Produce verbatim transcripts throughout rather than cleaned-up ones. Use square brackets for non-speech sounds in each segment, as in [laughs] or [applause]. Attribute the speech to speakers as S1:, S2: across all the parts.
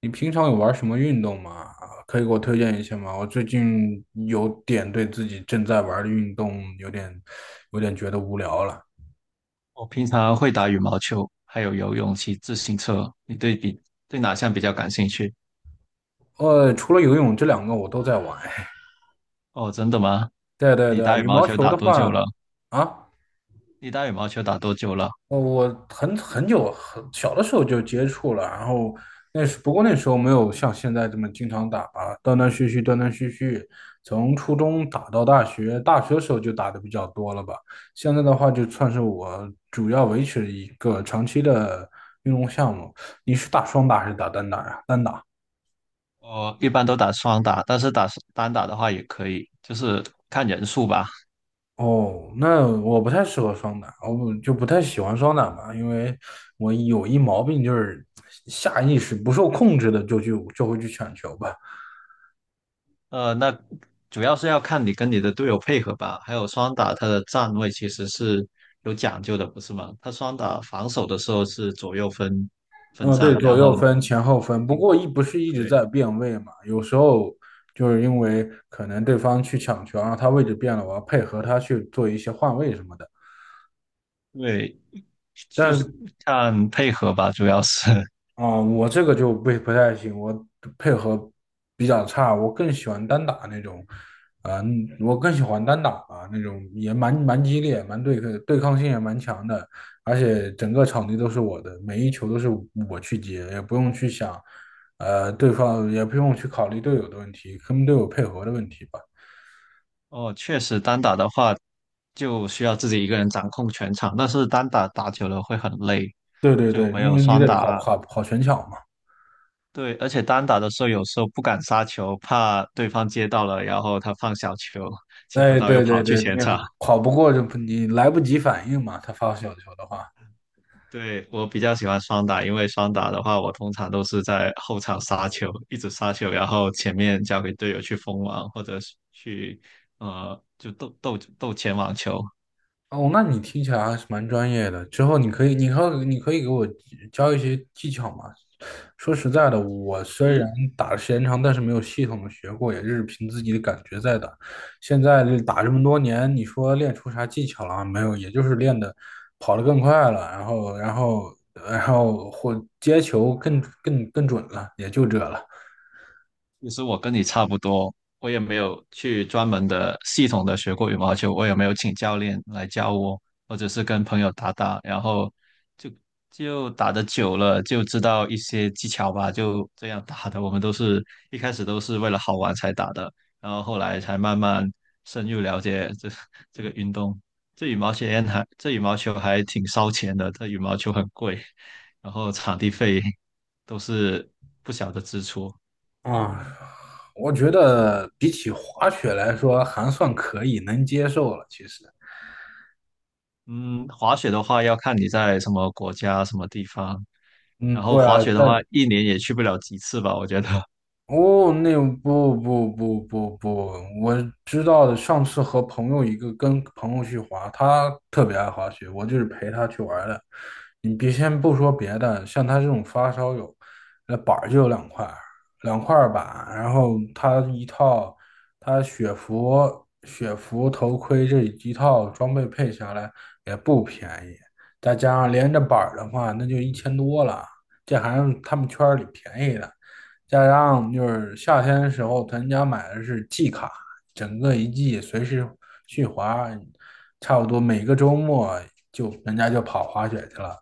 S1: 你平常有玩什么运动吗？可以给我推荐一下吗？我最近有点对自己正在玩的运动有点有点觉得无聊了。
S2: 我平常会打羽毛球，还有游泳、骑自行车。你对比对哪项比较感兴趣？
S1: 呃，除了游泳这两个我都在玩。
S2: 哦，真的吗？
S1: [laughs] 对对
S2: 你
S1: 对，
S2: 打羽
S1: 羽
S2: 毛
S1: 毛
S2: 球
S1: 球
S2: 打
S1: 的
S2: 多久
S1: 话，
S2: 了？
S1: 啊。
S2: 你打羽毛球打多久了？
S1: 呃，我很很久很小的时候就接触了，然后那时不过那时候没有像现在这么经常打吧，断断续续，断断续续，从初中打到大学，大学的时候就打的比较多了吧。现在的话，就算是我主要维持一个长期的运动项目。你是打双打还是打单打呀？单打。
S2: 我一般都打双打，但是打单打的话也可以，就是看人数吧。
S1: 哦，那我不太适合双打，我不就不太喜欢双打吧，因为我有一毛病，就是下意识不受控制的就去就会去抢球吧。
S2: 呃，那主要是要看你跟你的队友配合吧。还有双打，它的站位其实是有讲究的，不是吗？它双打防守的时候是左右分分
S1: 嗯，对，
S2: 站，
S1: 左
S2: 然
S1: 右
S2: 后
S1: 分、前后分，不过一不是一直
S2: 对。
S1: 在变位嘛，有时候就是因为可能对方去抢球，然后他位置变了，我要配合他去做一些换位什么的。
S2: 对，就
S1: 但
S2: 是
S1: 是
S2: 看配合吧，主要是。[laughs]
S1: 啊、我这个就不不太行，我配合比较差，我更喜欢单打那种，啊、我更喜欢单打吧，那种也蛮蛮激烈，蛮对抗对抗性也蛮强的，而且整个场地都是我的，每一球都是我去接，也不用去想，呃，对方也不用去考虑队友的问题，跟队友配合的问题吧。
S2: 哦，确实单打的话，就需要自己一个人掌控全场，但是单打打久了会很累，
S1: 对对
S2: 就
S1: 对，
S2: 没
S1: 因
S2: 有
S1: 为你
S2: 双
S1: 得跑
S2: 打。
S1: 跑跑全场嘛，
S2: 对，而且单打的时候有时候不敢杀球，怕对方接到了，然后他放小球，接不
S1: 哎，
S2: 到又
S1: 对对
S2: 跑去
S1: 对，你
S2: 前场。
S1: 跑不过就你来不及反应嘛，他发小球的话。
S2: 对，我比较喜欢双打，因为双打的话，我通常都是在后场杀球，一直杀球，然后前面交给队友去封网，或者是去呃就斗斗斗前网球。
S1: 哦，那你听起来还是蛮专业的。之后你可以，你可以，你可以给我教一些技巧吗？说实在的，我虽然打的时间长，但是没有系统的学过，也就是凭自己的感觉在打。现在这打这么多年，你说练出啥技巧了啊没有，也就是练的跑得更快了，然后，然后，然后或接球更更更准了，也就这了。
S2: 其实我跟你差不多，我也没有去专门的系统的学过羽毛球，我也没有请教练来教我，或者是跟朋友打打，然后就就打的久了，就知道一些技巧吧，就这样打的。我们都是一开始都是为了好玩才打的，然后后来才慢慢深入了解这 [laughs] 这个运动。这羽毛球还这羽毛球还挺烧钱的，这羽毛球很贵，然后场地费都是不小的支出。
S1: 啊，我觉得比起滑雪来说，还算可以，能接受了。其实，
S2: 嗯，滑雪的话要看你在什么国家、什么地方。
S1: 嗯，
S2: 然后
S1: 对
S2: 滑
S1: 啊，
S2: 雪的话，
S1: 但
S2: 一年也去不了几次吧，我觉得。[laughs]
S1: 哦，那不不不不不，我知道的。上次和朋友一个跟朋友去滑，他特别爱滑雪，我就是陪他去玩儿的。你别先不说别的，像他这种发烧友，那板儿就有两块儿，两块儿板，然后他一套，他雪服、雪服、头盔这一套装备配下来也不便宜，再加上连着板儿的话，那就一千多了，这还是他们圈儿里便宜的。再加上就是夏天的时候，咱家买的是季卡，整个一季随时去滑，差不多每个周末就人家就跑滑雪去了。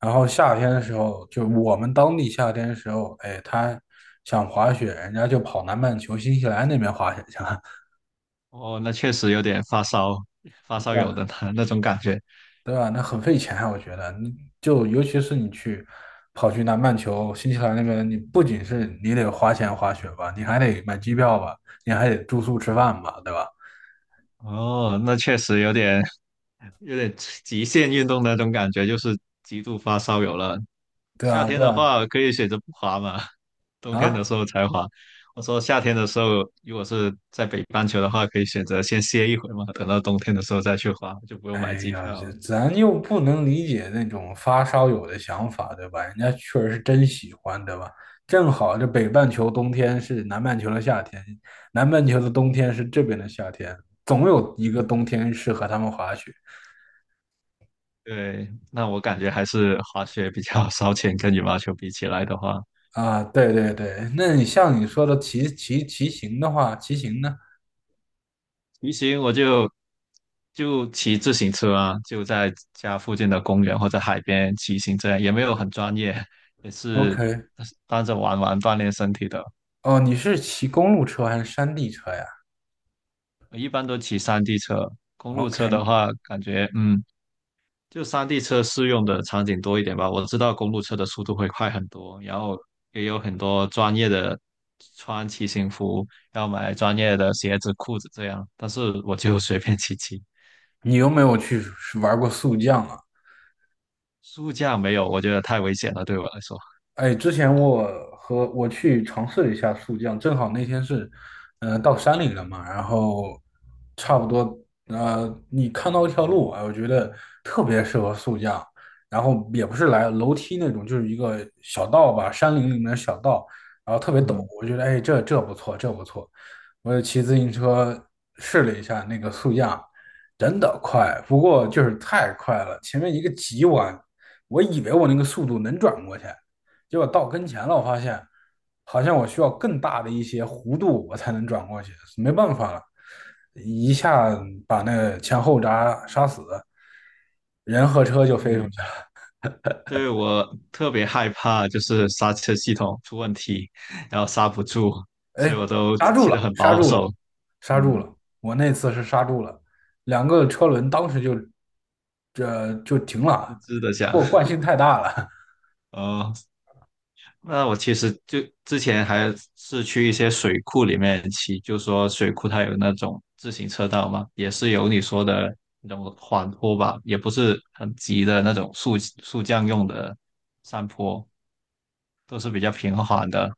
S1: 然后夏天的时候，就我们当地夏天的时候，哎，他想滑雪，人家就跑南半球新西兰那边滑雪去了。
S2: 哦，那确实有点发烧，发烧友的
S1: [laughs]
S2: 那那种感觉。
S1: 对吧？那很费钱啊我觉得，你就尤其是你去跑去南半球、新西兰那边，你不仅是你得花钱滑雪吧，你还得买机票吧，你还得住宿吃饭吧，对吧？
S2: 哦，那确实有点有点极限运动的那种感觉，就是极度发烧友了。
S1: 对
S2: 夏
S1: 啊，
S2: 天
S1: 对
S2: 的
S1: 啊，
S2: 话可以选择不滑嘛，冬天的
S1: 啊，
S2: 时候才滑。我说夏天的时候，如果是在北半球的话，可以选择先歇一会嘛，等到冬天的时候再去滑，就不用买
S1: 哎
S2: 机
S1: 呀，这
S2: 票。
S1: 咱又不能理解那种发烧友的想法，对吧？人家确实是真喜欢，对吧？正好这北半球冬天是南半球的夏天，南半球的冬天是这边的夏天，总有一个冬天适合他们滑雪。
S2: 对，那我感觉还是滑雪比较 [laughs] 烧钱，跟羽毛球比起来的话，
S1: 啊，对对对，那你像你说的骑骑骑行的话，骑行呢？
S2: 骑行我就就骑自行车啊，就在家附近的公园或者海边骑行，这样也没有很专业，也
S1: O
S2: 是
S1: K。
S2: 当着玩玩锻炼身体的。
S1: 哦，你是骑公路车还是山地车呀
S2: 我一般都骑山地车，公路车
S1: ？OK，
S2: 的话，感觉嗯就山地车适用的场景多一点吧。我知道公路车的速度会快很多，然后也有很多专业的穿骑行服，要买专业的鞋子、裤子这样。但是我就 [laughs] 随便骑骑，
S1: 你有没有去玩过速降啊？
S2: 速驾没有，我觉得太危险了，对我来说。
S1: 哎，之前我和我去尝试了一下速降，正好那天是，呃，到山里了嘛，然后差不多，呃，你看到一条路，啊，我觉得特别适合速降，然后也不是来楼梯那种，就是一个小道吧，山林里面的小道，然后特别陡，
S2: 嗯，
S1: 我觉得哎，这这不错，这不错，我就骑自行车试了一下那个速降，真的快，不过就是太快了，前面一个急弯，我以为我那个速度能转过去。结果到跟前了，我发现好像我需要更大的一些弧度，我才能转过去，没办法了，一下把那前后闸刹死，人和车就飞出
S2: 对，
S1: 去了。
S2: 对我特别害怕就是刹车系统出问题，然后刹不住，所以
S1: 哎，
S2: 我都
S1: 刹住
S2: 骑得
S1: 了，
S2: 很
S1: 刹
S2: 保
S1: 住了，
S2: 守。
S1: 刹住
S2: 嗯，
S1: 了！我那次是刹住了，两个车轮当时就这就停
S2: 吱
S1: 了，
S2: 吱的响。
S1: 我惯性太大了。
S2: [laughs] 哦。那我其实就之前还是去一些水库里面骑，就说水库它有那种自行车道嘛，也是有你说的那种缓坡吧，也不是很急的那种速速降用的山坡，都是比较平缓的。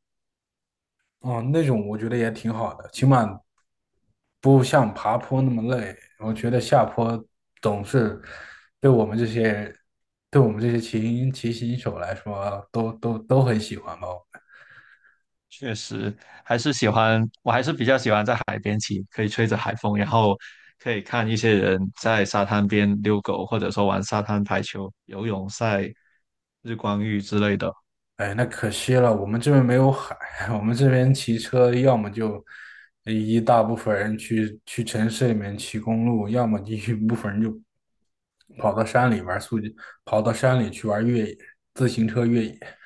S1: 哦，那种我觉得也挺好的，起码不像爬坡那么累。我觉得下坡总是对我们这些对我们这些骑骑行手来说，都都都很喜欢吧。
S2: 确实，还是喜欢，我还是比较喜欢在海边骑，可以吹着海风，然后可以看一些人在沙滩边遛狗，或者说玩沙滩排球、游泳赛、日光浴之类的。
S1: 哎，那可惜了，我们这边没有海，[laughs] 我们这边骑车要么就一大部分人去去城市里面骑公路，要么一部分人就跑到山里玩儿速，跑到山里去玩越野自行车越野。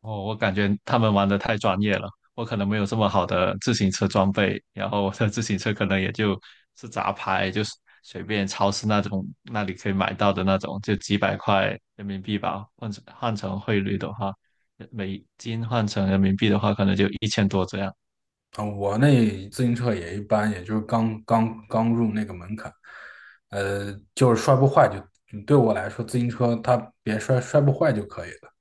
S2: 哦，我感觉他们玩的太专业了，我可能没有这么好的自行车装备，然后我的自行车可能也就是杂牌，就是随便超市那种那里可以买到的那种，就几百块人民币吧，换成换成汇率的话，美金换成人民币的话，可能就一千多这样。
S1: 啊，我那自行车也一般，也就是刚刚刚入那个门槛，呃，就是摔不坏就嗯对我来说，自行车它别摔摔不坏就可以了。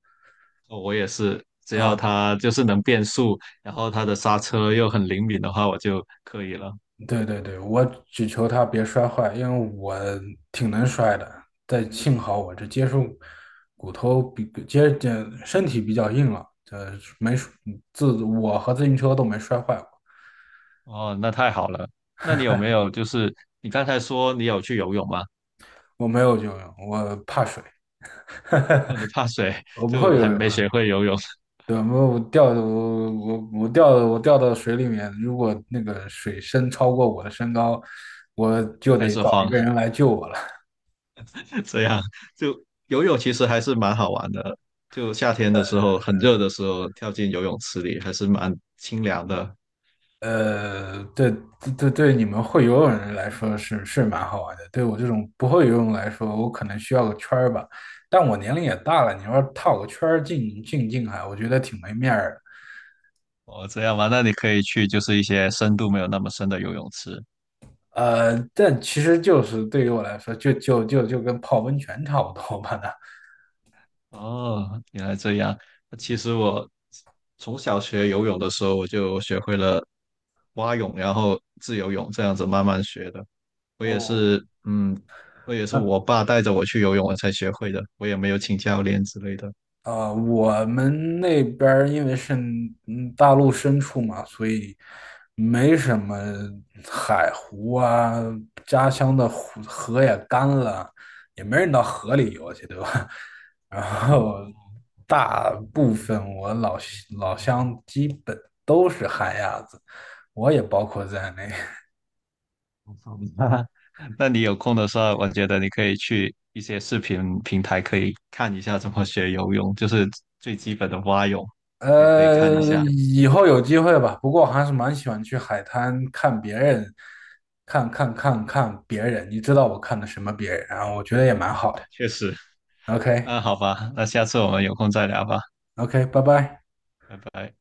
S2: 哦我也是，只要
S1: 啊，
S2: 它就是能变速，然后它的刹车又很灵敏的话，我就可以了。
S1: 对对对，我只求它别摔坏，因为我挺能摔的，但幸好我这接触骨头比接这身体比较硬了，呃，没自我和自行车都没摔坏过，
S2: 哦，那太好了。那你有没有就是你刚才说你有去游泳吗？
S1: 我没有游泳，我怕水，
S2: 哦，你怕水，
S1: 我不
S2: 就
S1: 会
S2: 还
S1: 游泳。
S2: 没学会游泳 [laughs]
S1: 对，我我掉的我我我掉的我掉到水里面，如果那个水深超过我的身高，我
S2: 就
S1: 就
S2: 开
S1: 得
S2: 始
S1: 找一
S2: 慌，
S1: 个人来救我了。
S2: [laughs] 这样就游泳其实还是蛮好玩的。就夏天的时候，很热的时候，跳进游泳池里还是蛮清凉的。
S1: 呃，对对对，对你们会游泳的人来说是是蛮好玩的，对我这种不会游泳来说，我可能需要个圈儿吧。但我年龄也大了，你说套个圈儿进进近海，我觉得挺没面儿的。
S2: 哦，这样吗？那你可以去就是一些深度没有那么深的游泳池。
S1: 呃，但其实就是对于我来说，就就就就跟泡温泉差不多吧那。
S2: 哦，原来这样。其实我从小学游泳的时候，我就学会了蛙泳，然后自由泳这样子慢慢学的。我也
S1: 哦，
S2: 是，嗯，我也是我爸带着我去游泳，我才学会的，我也没有请教练之类的。
S1: 呃，我们那边儿因为是嗯大陆深处嘛，所以没什么海湖啊，家乡的湖河也干了，也没人到河里游去，对吧？[laughs] 然后大部分我老西老乡基本都是旱鸭子，我也包括在内。
S2: 好吧 [laughs] 那你有空的时候，我觉得你可以去一些视频平台可以看一下怎么学游泳，就是最基本的蛙泳，也可以看一
S1: 呃，
S2: 下。
S1: 以后有机会吧。不过我还是蛮喜欢去海滩看别人，看看看看别人。你知道我看的什么别人啊？我觉得也蛮好的。
S2: 确实，
S1: OK
S2: 那好吧，那下次我们有空再聊吧，
S1: OK，拜拜。
S2: 拜拜。